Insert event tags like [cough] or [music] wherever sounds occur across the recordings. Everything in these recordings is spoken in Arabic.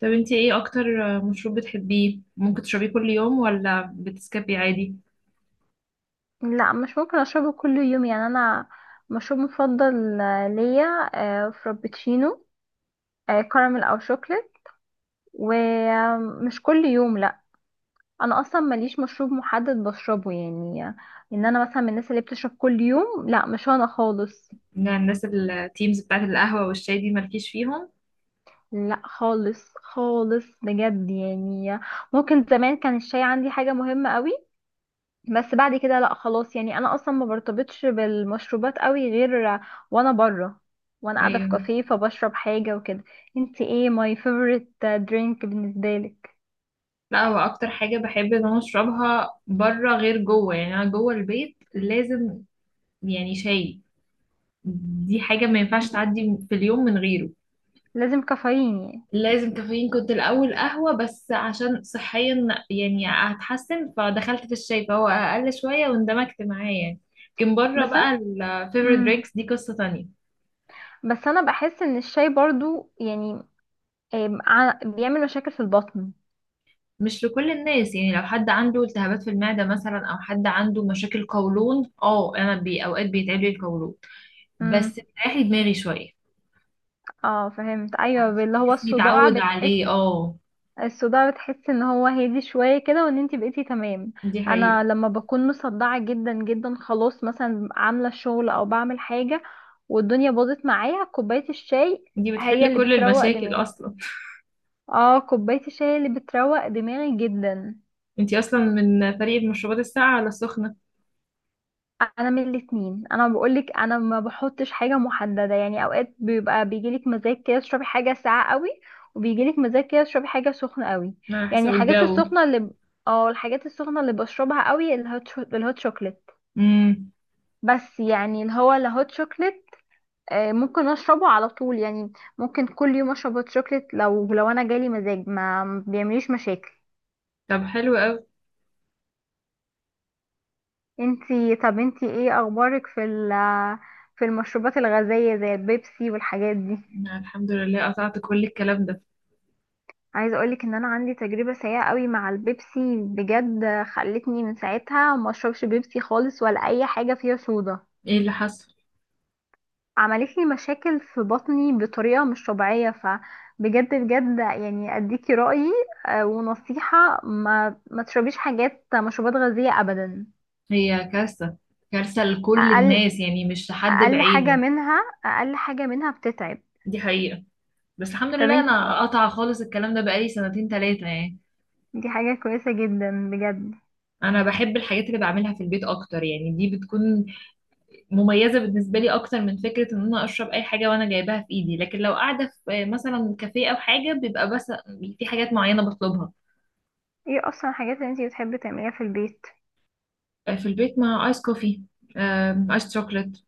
طب، انت ايه اكتر مشروب بتحبيه؟ ممكن تشربيه كل يوم ولا بتسكبي عادي؟ لا مش ممكن اشربه كل يوم. يعني انا مشروب مفضل ليا فرابتشينو، كراميل او شوكليت، ومش كل يوم لا. انا اصلا ماليش مشروب محدد بشربه يعني، ان انا مثلا من الناس اللي بتشرب كل يوم لا، مش انا خالص. ان الناس التيمز بتاعت القهوة والشاي دي مالكيش فيهم؟ لا خالص خالص بجد يعني. ممكن زمان كان الشاي عندي حاجة مهمة قوي، بس بعد كده لا خلاص. يعني انا اصلا ما برتبطش بالمشروبات قوي غير وانا بره وانا قاعده في ايوه. كافيه فبشرب حاجه وكده. انت ايه ماي فيفورت درينك بالنسبه لك؟ لا، هو اكتر حاجة بحب ان انا اشربها بره غير جوه، يعني انا جوه البيت لازم يعني شاي، دي حاجة ما ينفعش تعدي في اليوم من غيره. لازم كافيين يعني. لازم كافيين كنت الاول قهوة، بس عشان صحيا يعني هتحسن، فدخلت في الشاي فهو اقل شوية واندمجت معاه يعني. لكن بره بس انا بقى الفيفوريت مم. درينكس دي قصة تانية. بس انا بحس ان الشاي برضو يعني، بيعمل مشاكل في البطن. مش لكل الناس يعني، لو حد عنده التهابات في المعدة مثلا او حد عنده مشاكل قولون، انا بي اوقات بيتعب لي القولون بس مم. بتريح لي دماغي شوية. اه فهمت، ايوه اللي هو جسمي الصداع اتعود بتحس، عليه، اه. الصداع بتحس ان هو هادي شوية كده، وان انتي بقيتي تمام. دي حقيقة. انا لما بكون مصدعة جدا جدا، خلاص مثلا عاملة شغل او بعمل حاجة والدنيا باظت معايا، كوباية الشاي دي هي بتحل اللي كل بتروق المشاكل دماغي. اصلا. اه كوباية الشاي اللي بتروق دماغي جدا. [laughs] انتي اصلا من فريق المشروبات الساقعة ولا السخنة؟ انا من الاتنين، انا بقولك انا ما بحطش حاجه محدده يعني. اوقات بيبقى بيجيلك مزاج كده تشربي حاجه ساقعه قوي، وبيجيلك مزاج كده تشربي حاجه سخنه قوي. على يعني حسب الحاجات الجو. السخنه اللي الحاجات السخنه اللي بشربها قوي الهوت الهوت شوكليت. امم. بس يعني اللي هو الهوت شوكليت ممكن اشربه على طول يعني. ممكن كل يوم اشرب هوت شوكليت لو انا جالي مزاج ما بيعمليش مشاكل. طب حلو قوي. انتي طب انتي ايه اخبارك في في المشروبات الغازيه زي البيبسي والحاجات دي؟ أنا الحمد لله قطعت كل الكلام ده. عايزه اقولك ان انا عندي تجربه سيئه قوي مع البيبسي بجد. خلتني من ساعتها ما اشربش بيبسي خالص، ولا اي حاجه فيها صودا. ايه اللي حصل؟ عملت لي مشاكل في بطني بطريقه مش طبيعيه، فبجد بجد يعني اديكي رايي ونصيحه ما تشربيش حاجات مشروبات غازيه ابدا. هي كارثة، كارثة لكل اقل الناس يعني، مش لحد اقل حاجه بعينه. منها اقل حاجه منها بتتعب. دي حقيقة. بس الحمد طب لله انت، انا قطع خالص الكلام ده بقالي سنتين تلاتة يعني. دي حاجه كويسه جدا بجد. انا بحب الحاجات اللي بعملها في البيت اكتر يعني، دي بتكون مميزة بالنسبة لي اكتر من فكرة ان انا اشرب اي حاجة وانا جايباها في ايدي. لكن لو قاعدة في مثلا كافيه او حاجة بيبقى بس في حاجات معينة بطلبها. ايه اصلا الحاجات اللي انت بتحبي تعمليها في البيت؟ في البيت مع ايس كوفي، ايس شوكليت.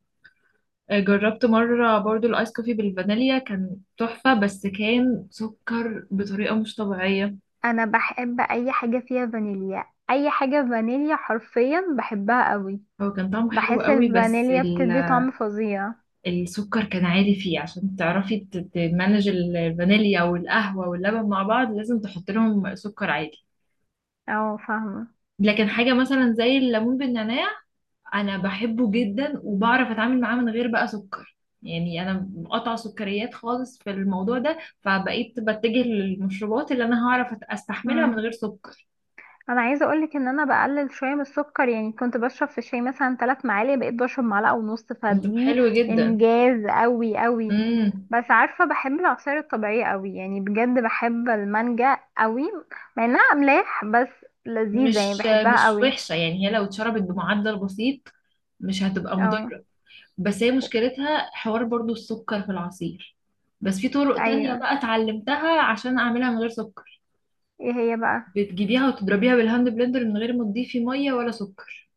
جربت مرة برضو الايس كوفي بالفانيليا، كان تحفة بس كان سكر بطريقة مش طبيعية. انا بحب اي حاجه فيها فانيليا. اي حاجه فانيليا حرفيا بحبها قوي. هو كان طعمه حلو بحس قوي، بس الفانيليا بتدي طعم فظيع. السكر كان عالي فيه. عشان تعرفي تمانج الفانيليا والقهوة واللبن مع بعض لازم تحط لهم سكر عادي. اه فاهمه. لكن حاجة مثلا زي الليمون بالنعناع، أنا بحبه جدا وبعرف أتعامل معاه من غير بقى سكر. يعني أنا مقطعة سكريات خالص في الموضوع ده، فبقيت بتجه للمشروبات اللي أنا هعرف أستحملها من امم، غير سكر. انا عايزه اقولك ان انا بقلل شويه من السكر. يعني كنت بشرب في الشاي مثلا 3 معالق، بقيت بشرب معلقه ونص، طب فدي حلو جدا. انجاز قوي قوي. امم. بس عارفه بحب العصاير الطبيعيه قوي يعني. بجد بحب المانجا قوي، مع انها املاح بس لذيذه يعني مش بحبها مش قوي. وحشة يعني، هي لو اتشربت بمعدل بسيط مش هتبقى اه، مضرة. بس هي مشكلتها حوار برضو السكر في العصير. بس في طرق تانية ايوه. بقى اتعلمتها عشان اعملها من غير سكر. ايه هي بقى؟ بتجيبيها وتضربيها بالهاند بلندر من غير ما تضيفي مية ولا سكر،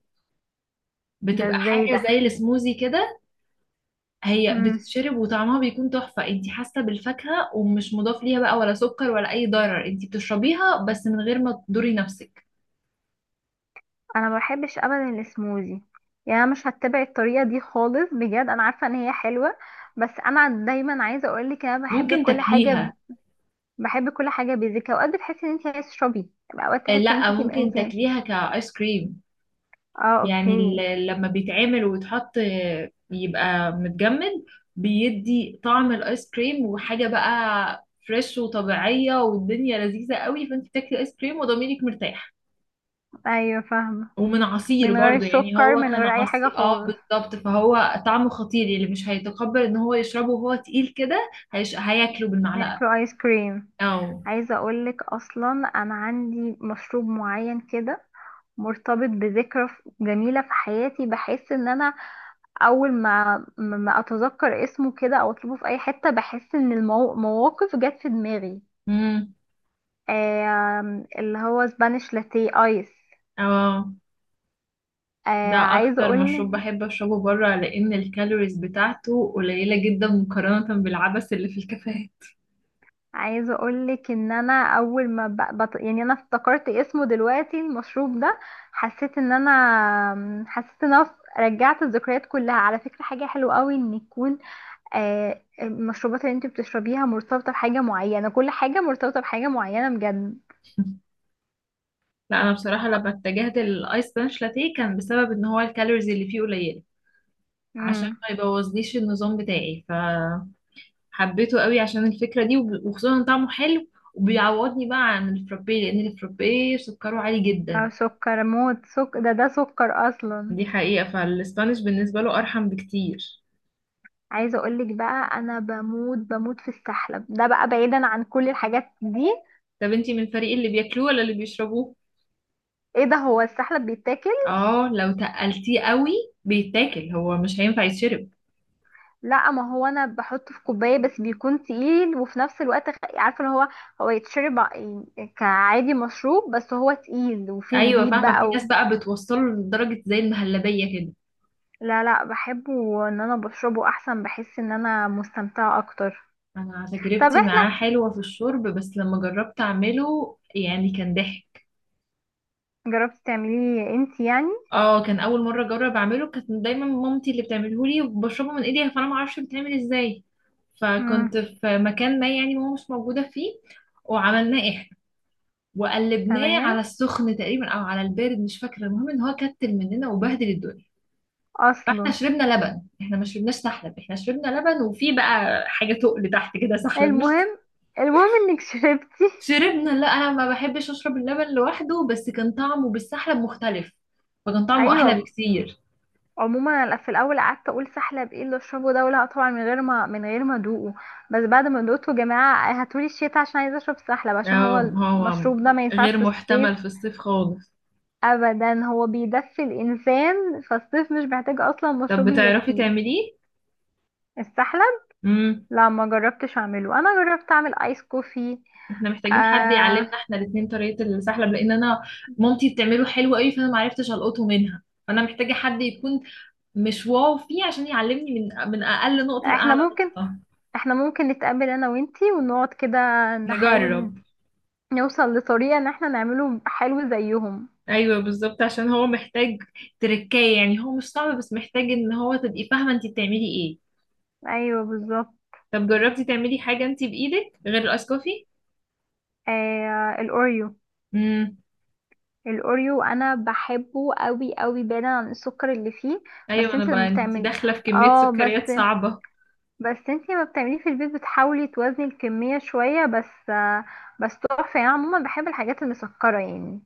ده بتبقى ازاي حاجة ده؟ زي السموزي كده. هي مم. بتتشرب وطعمها بيكون تحفة، انتي حاسة بالفاكهة ومش مضاف ليها بقى ولا سكر ولا اي ضرر، انتي بتشربيها بس من غير ما تضري نفسك. انا ما بحبش ابدا السموزي. يعني انا مش هتبع الطريقه دي خالص بجد. انا عارفه ان هي حلوه، بس انا دايما عايزه اقول لك انا بحب ممكن كل حاجه تاكليها. ب... بحب كل حاجه بيزك. اوقات بتحسي ان انت عايزه تشربي، اوقات تحسي ان لا، ممكن انت. تاكليها كايس كريم. اه يعني اوكي. لما بيتعمل ويتحط يبقى متجمد، بيدي طعم الايس كريم وحاجة بقى فريش وطبيعية والدنيا لذيذة قوي، فانت بتاكلي ايس كريم وضميرك مرتاح. ايوه فاهمه، ومن عصير من غير برضو يعني، سكر هو من كان غير اي حاجه عصير خالص، بالظبط، فهو طعمه خطير. اللي مش هيتقبل ان هو يشربه وهو تقيل كده هياكله بالمعلقة بياكلوا ايس كريم. او. عايزه اقول لك اصلا انا عندي مشروب معين كده مرتبط بذكرى جميله في حياتي. بحس ان انا اول ما اتذكر اسمه كده او اطلبه في اي حته، بحس ان المواقف جت في دماغي. امم. اللي هو سبانيش لاتيه ايس. اه، ده آه، عايزه اكتر اقول مشروب بحب اشربه بره، لان الكالوريز بتاعته قليله جدا مقارنه بالعبث اللي في الكافيهات. عايزه اقول لك ان انا اول ما ب... بط... يعني انا افتكرت اسمه دلوقتي المشروب ده. حسيت ان انا حسيت ان انا رجعت الذكريات كلها. على فكره حاجه حلوه قوي ان يكون المشروبات اللي انت بتشربيها مرتبطه بحاجه معينه، كل حاجه مرتبطه بحاجه معينه بجد. [laughs] لا، انا بصراحه لما اتجهت للايس بانش لاتيه كان بسبب ان هو الكالوريز اللي فيه قليله، عشان مم. ما يبوظليش النظام بتاعي. فحبيته قوي عشان الفكره دي، وخصوصا إن طعمه حلو، وبيعوضني بقى عن الفرابيه لان الفرابيه سكره عالي جدا. اه سكر موت، سكر ده، ده سكر اصلا. دي حقيقه، فالاسبانيش بالنسبه له ارحم بكتير. عايزه اقولك بقى انا بموت بموت في السحلب ده، بقى بعيدا عن كل الحاجات دي. طب انتي من الفريق اللي بياكلوه ولا اللي بيشربوه؟ ايه ده، هو السحلب بيتاكل؟ اه، لو تقلتيه قوي بيتاكل، هو مش هينفع يتشرب. لا، ما هو انا بحطه في كوبايه بس بيكون تقيل. وفي نفس الوقت عارفه اللي هو، هو يتشرب كعادي مشروب، بس هو تقيل وفيه ايوه، زبيب فاهمه. في بقى ناس و... بقى بتوصله لدرجه زي المهلبيه كده. لا لا، بحبه ان انا بشربه احسن، بحس ان انا مستمتعه اكتر. انا طب تجربتي احنا، معاه حلوه في الشرب، بس لما جربت اعمله يعني كان ضحك. جربتي تعمليه انت يعني؟ اه، كان اول مره اجرب اعمله. كانت دايما مامتي اللي بتعمله لي وبشربه من ايديها، فانا ما اعرفش بيتعمل ازاي. امم. فكنت في مكان ما يعني ماما مش موجوده فيه، وعملناه احنا، وقلبناه على تمام. السخن تقريبا او على البارد مش فاكره. المهم ان هو كتل مننا وبهدل الدنيا. فاحنا اصلا، شربنا لبن، احنا ما شربناش سحلب، احنا شربنا لبن وفي بقى حاجه تقل تحت كده سحلب مش المهم، [laughs] المهم انك شربتي. [laughs] شربنا. لا، انا ما بحبش اشرب اللبن لوحده، بس كان طعمه بالسحلب مختلف، فكان طعمه احلى ايوه. بكتير. عموما انا في الاول قعدت اقول سحلب ايه اللي اشربه ده، ولا طبعا من غير ما ادوقه. بس بعد ما دوقته، يا جماعه هاتولي الشتا عشان عايزه اشرب سحلب، عشان اه، هو هو المشروب ده ما ينفعش غير في الصيف محتمل في الصيف خالص. ابدا. هو بيدفي الانسان، فالصيف مش محتاج اصلا طب مشروب بتعرفي يدفيه. تعمليه؟ السحلب، امم. لا ما جربتش اعمله. انا جربت اعمل ايس كوفي. احنا محتاجين حد آه، يعلمنا احنا الاتنين طريقه السحلب، لان انا مامتي بتعمله حلو قوي، فانا ما عرفتش القطه منها، فانا محتاجه حد يكون مش واو فيه عشان يعلمني من اقل نقطه احنا لاعلى ممكن، نقطه. احنا ممكن نتقابل انا وانتي، ونقعد كده نحاول نجرب. نوصل لطريقة ان احنا نعمله حلو زيهم. ايوه بالظبط، عشان هو محتاج تركاية يعني، هو مش صعب بس محتاج ان هو تبقي فاهمة انت بتعملي ايه. ايوه بالظبط. طب جربتي تعملي حاجة انت بايدك غير الاسكوفي؟ آه، الاوريو. امم. الاوريو انا بحبه قوي قوي، بعيدا عن السكر اللي فيه. ايوه، بس انا انت لما بقى انت بتعملي، داخلة في كمية اه سكريات بس صعبة. بس انتي ما بتعمليه في البيت، بتحاولي توازني الكمية شوية. بس بس تحفة يعني. أنا عموما بحب الحاجات المسكرة يعني،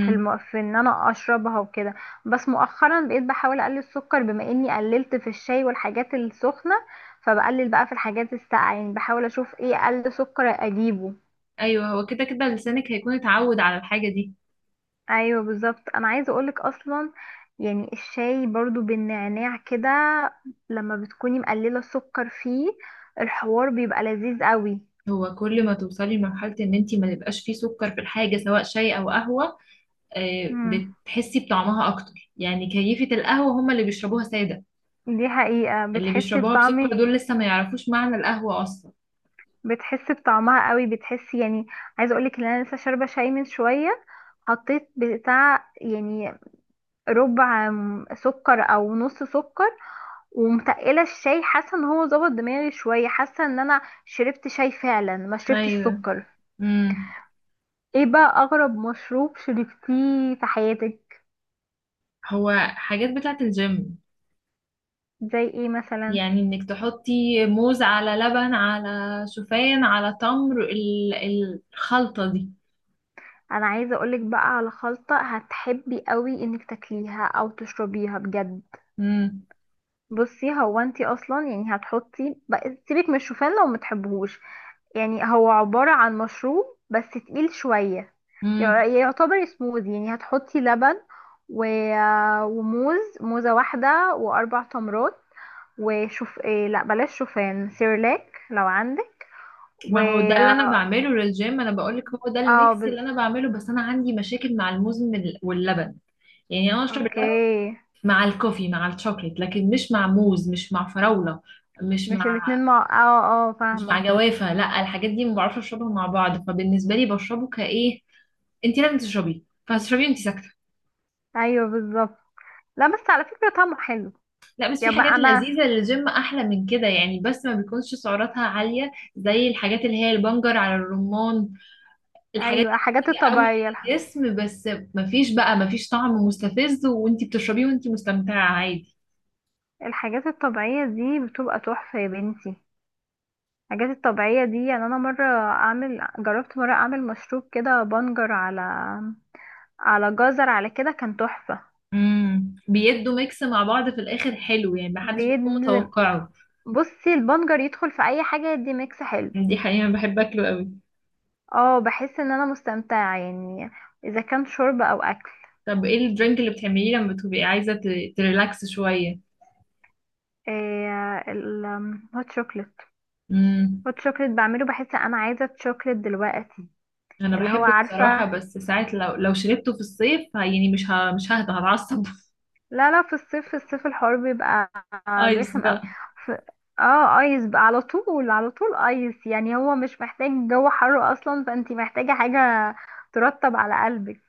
في في ان انا اشربها وكده. بس مؤخرا بقيت بحاول اقلل السكر، بما اني قللت في الشاي والحاجات السخنة، فبقلل بقى في الحاجات الساقعة. يعني بحاول اشوف ايه اقل سكر اجيبه. ايوه، هو كده كده لسانك هيكون اتعود على الحاجة دي. ايوه بالظبط. انا عايزة اقولك اصلا، يعني الشاي برضو بالنعناع كده لما بتكوني مقللة السكر فيه، الحوار بيبقى لذيذ قوي. هو كل ما توصلي لمرحلة ان انت ما يبقاش فيه سكر في الحاجة سواء شاي او قهوة، بتحسي بطعمها اكتر. يعني كيفة القهوة هم اللي بيشربوها سادة، دي حقيقة، اللي بتحسي بيشربوها بسكر بطعمي، دول لسه ما يعرفوش معنى القهوة اصلا. بتحسي بطعمها قوي، بتحسي يعني. عايزة اقولك ان انا لسه شاربة شاي من شوية، حطيت بتاع يعني ربع سكر او نص سكر، ومتقلة الشاي، حاسة ان هو ظبط دماغي شوية، حاسة ان انا شربت شاي فعلا ما شربتش ايوه. سكر. امم. ايه بقى اغرب مشروب شربتيه في حياتك؟ هو حاجات بتاعت الجيم، زي ايه مثلا؟ يعني انك تحطي موز على لبن على شوفان على تمر، الخلطة دي. انا عايزة اقولك بقى على خلطة هتحبي قوي انك تاكليها او تشربيها بجد. امم. بصي هو انتي اصلا، يعني هتحطي بقى، سيبك من الشوفان لو متحبهوش. يعني هو عبارة عن مشروب بس تقيل شوية، امم. يعتبر سموذي. يعني هتحطي لبن و... وموز، موزة واحدة واربع تمرات، وشوف إيه، لا بلاش شوفان، سيرلاك لو عندك، و ما هو ده اللي انا اه بعمله للجيم، انا بقولك هو ده آه، الميكس بز... اللي انا بعمله، بس انا عندي مشاكل مع الموز من واللبن. يعني انا اشرب اللبن اوكي. مع الكوفي مع الشوكليت، لكن مش مع موز، مش مع فراولة، مش مش مع الاتنين مع مش مع فاهمة. جوافة. لا، الحاجات دي ما بعرفش اشربها مع بعض، فبالنسبة لي بشربه كايه، انت لازم تشربيه، فهتشربيه وانت ساكتة. ايوه بالظبط. لا بس على فكرة طعمه حلو. لا، بس في يبقى حاجات انا، لذيذة للجيم احلى من كده يعني، بس ما بيكونش سعراتها عالية زي الحاجات اللي هي البنجر على الرمان. الحاجات ايوه دي حاجات بتيجي قوي الطبيعية. للجسم، بس ما فيش طعم مستفز، وانت بتشربيه وانت مستمتعة عادي. الحاجات الطبيعية دي بتبقى تحفة يا بنتي. الحاجات الطبيعية دي يعني، أنا مرة جربت مرة أعمل مشروب كده بنجر على على جزر على كده، كان تحفة. امم. بيدوا ميكس مع بعض في الاخر حلو يعني، ما حدش بيد بيكون متوقعه. بصي البنجر يدخل في أي حاجة يدي ميكس حلو. دي حقيقة، أنا بحب اكله قوي. اه بحس إن أنا مستمتعة يعني، إذا كان شرب أو أكل. طب ايه الدرينك اللي بتعمليه لما بتبقي عايزة تريلاكس شوية؟ إيه؟ الهوت شوكليت. امم. هوت شوكليت بعمله، بحس أنا عايزة شوكليت دلوقتي. انا اللي هو بحبه بصراحة، عارفة، بس ساعات لو شربته في الصيف يعني مش ههدى، هتعصب. [laughs] لا لا، في الصيف، في الصيف الحوار بيبقى ايس رخم قوي. بقى. ف... اه ايس بقى، على طول على طول ايس. يعني هو مش محتاج جو حر اصلا، فانتي محتاجة حاجة ترطب على قلبك.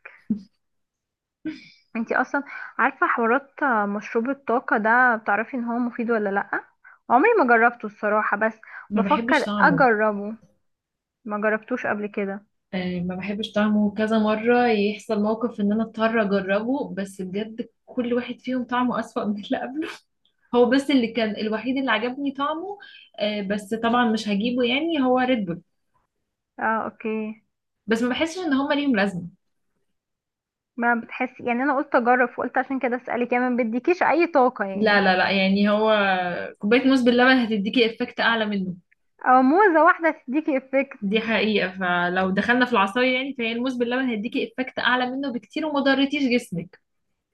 انتي اصلا عارفة حوارات مشروب الطاقة ده؟ بتعرفي ان هو مفيد ولا لأ؟ عمري ما جربته الصراحة، بس ما بحبش بفكر طعمه. اجربه. ما جربتوش قبل كده؟ آه، ما بحبش طعمه. كذا مرة يحصل موقف ان انا اضطر اجربه، بس بجد كل واحد فيهم طعمه اسوأ [laughs] من اللي قبله. هو بس اللي كان الوحيد اللي عجبني طعمه. آه، بس طبعا مش هجيبه، يعني هو ريد بول. اه اوكي. بس ما بحسش ان هما ليهم لازمة. ما بتحسي يعني، انا قلت اجرب وقلت عشان كده اسألك، يعني ما بيديكيش اي طاقة لا، يعني؟ لا، لا، يعني هو كوباية موز باللبن هتديكي افكت اعلى منه. او موزة واحدة تديكي افكت. دي حقيقة، فلو دخلنا في العصاير يعني فهي الموز باللبن هيديكي افكت اعلى منه بكتير، وما ضرتيش جسمك.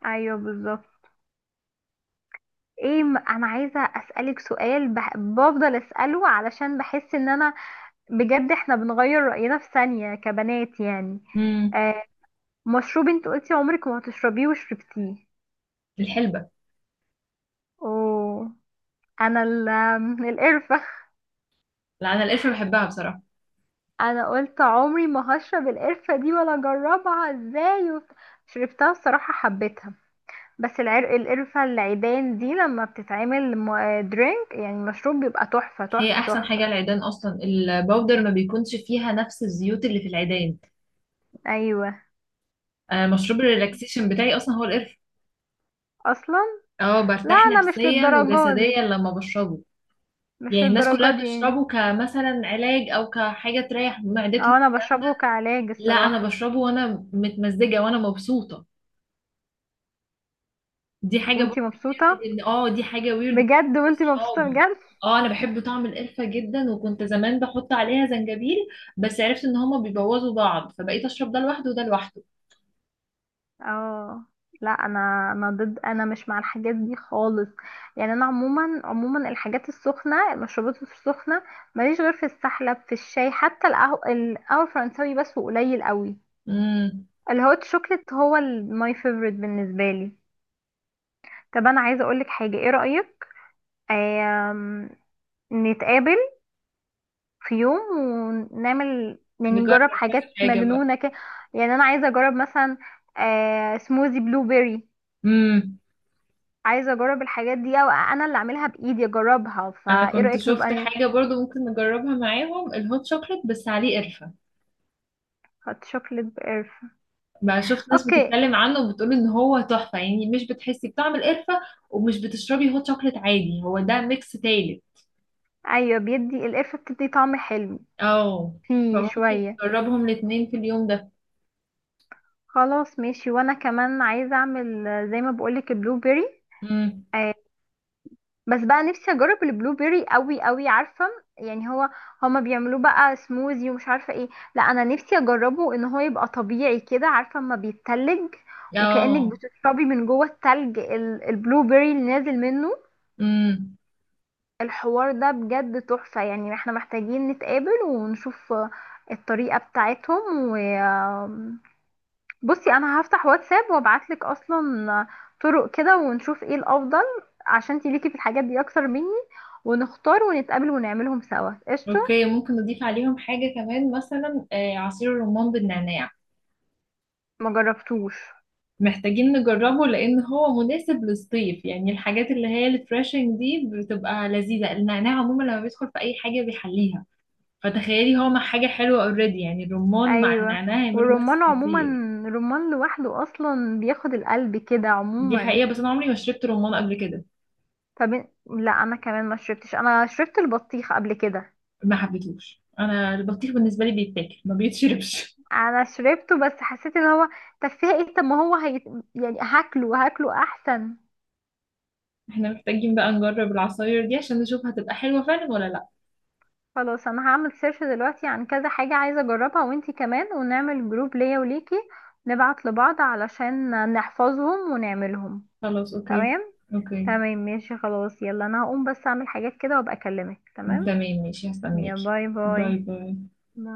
ايوه بالظبط. ايه انا عايزه اسالك سؤال بح... بفضل اساله علشان بحس ان انا بجد احنا بنغير راينا في ثانيه كبنات يعني. امم. آه، مشروب انت قلتي عمرك ما هتشربيه وشربتيه؟ الحلبة. اوه، انا ال... القرفه. [laughs] لا، انا القرفة بحبها بصراحة. انا قلت عمري ما هشرب القرفه دي ولا اجربها ازاي، وبت... شربتها الصراحه حبيتها. بس العرق، القرفه العيدان دي لما بتتعمل درينك يعني مشروب، بيبقى تحفه هي تحفه احسن تحفه. حاجة العيدان، اصلا الباودر ما بيكونش فيها نفس الزيوت اللي في العيدان. ايوه. انا مشروب الريلاكسيشن بتاعي اصلا هو القرفة. اصلا. اه، لا برتاح انا مش نفسيا للدرجة وجسديا دي، لما بشربه. مش يعني الناس للدرجة كلها دي يعني. بتشربه كمثلا علاج او كحاجة تريح معدتهم. اه انا بشربه كعلاج لا، انا الصراحة. بشربه وانا متمزجه وانا مبسوطه، دي حاجه برضه. وانتي مبسوطة؟ ان دي حاجه ويرد بالنسبة بجد وانتي مبسوطة لاصحابي. بجد؟ اه، انا بحب طعم القرفه جدا، وكنت زمان بحط عليها زنجبيل، بس عرفت ان هما بيبوظوا بعض، فبقيت اشرب ده لوحده وده لوحده. اه. لا انا، انا ضد، انا مش مع الحاجات دي خالص. يعني انا عموما عموما الحاجات السخنة، المشروبات السخنة ماليش غير في السحلب، في الشاي، حتى القهوة القهوة الفرنساوي بس، وقليل قوي. امم. الهوت شوكليت هو ماي فيفورت بالنسبة لي. طب انا عايزة اقولك حاجة، ايه رأيك آم، نتقابل في يوم ونعمل، يعني نجرب نجرب كذا حاجات حاجه بقى. مجنونة كده. يعني أنا عايزة أجرب مثلا آه سموزي بلو بيري. امم. عايزة أجرب الحاجات دي أو أنا اللي أعملها بإيدي أجربها، انا فإيه كنت رأيك نبقى؟ شفت حاجه برضو ممكن نجربها معاهم، الهوت شوكليت بس عليه قرفه نحط شوكليت بقرفة؟ بقى. شفت ناس أوكي. بتتكلم عنه وبتقول ان هو تحفه، يعني مش بتحسي بطعم القرفه، ومش بتشربي هوت شوكليت عادي، هو ده ميكس تالت. أيوة بيدي القرفة بتدي طعم حلو اه، فيه فممكن شوية. نجربهم الاتنين في اليوم ده. خلاص ماشي. وأنا كمان عايزة أعمل زي ما بقولك البلو بيري. امم. بس بقى نفسي اجرب البلو بيري قوي قوي، عارفه يعني هو، هما بيعملوه بقى سموزي ومش عارفه ايه. لا انا نفسي اجربه ان هو يبقى طبيعي كده، عارفه اما بيتلج، وكأنك اه. بتشربي من جوه التلج البلو بيري اللي نازل منه. امم. الحوار ده بجد تحفه. يعني احنا محتاجين نتقابل ونشوف الطريقه بتاعتهم و، بصي انا هفتح واتساب وابعتلك اصلا طرق كده ونشوف ايه الافضل، عشان انتي ليكي في الحاجات دي اكتر مني، ونختار ونتقابل ونعملهم سوا قشطه. اوكي، ممكن نضيف عليهم حاجة كمان مثلا عصير الرمان بالنعناع. ما جربتوش. محتاجين نجربه لان هو مناسب للصيف، يعني الحاجات اللي هي الفريشنج دي بتبقى لذيذة. النعناع عموما لما بيدخل في اي حاجة بيحليها، فتخيلي هو مع حاجة حلوة اوريدي. يعني الرمان مع ايوه. النعناع هيعملوا ميكس والرمان عموما، خطير. الرمان لوحده اصلا بياخد القلب كده دي عموما. حقيقة، بس انا عمري ما شربت رمان قبل كده. طب لا انا كمان ما شربتش، انا شربت البطيخ قبل كده. ما حبيتهوش، انا البطيخ بالنسبة لي بيتاكل ما بيتشربش. انا شربته بس حسيت ان هو تفاهه. طب ما هو هي... يعني هاكله، هاكله احسن. احنا محتاجين بقى نجرب العصاير دي عشان نشوف هتبقى حلوة فعلا ولا لا. خلاص انا هعمل سيرش دلوقتي عن كذا حاجة عايزة اجربها، وانتي كمان، ونعمل جروب ليا وليكي نبعت لبعض علشان نحفظهم ونعملهم. خلاص، اوكي. تمام. اوكي، تمام ماشي، خلاص يلا انا هقوم بس اعمل حاجات كده وابقى اكلمك. تمام. تمام، ماشي، يا هستناكي. باي باي باي. باي. باي.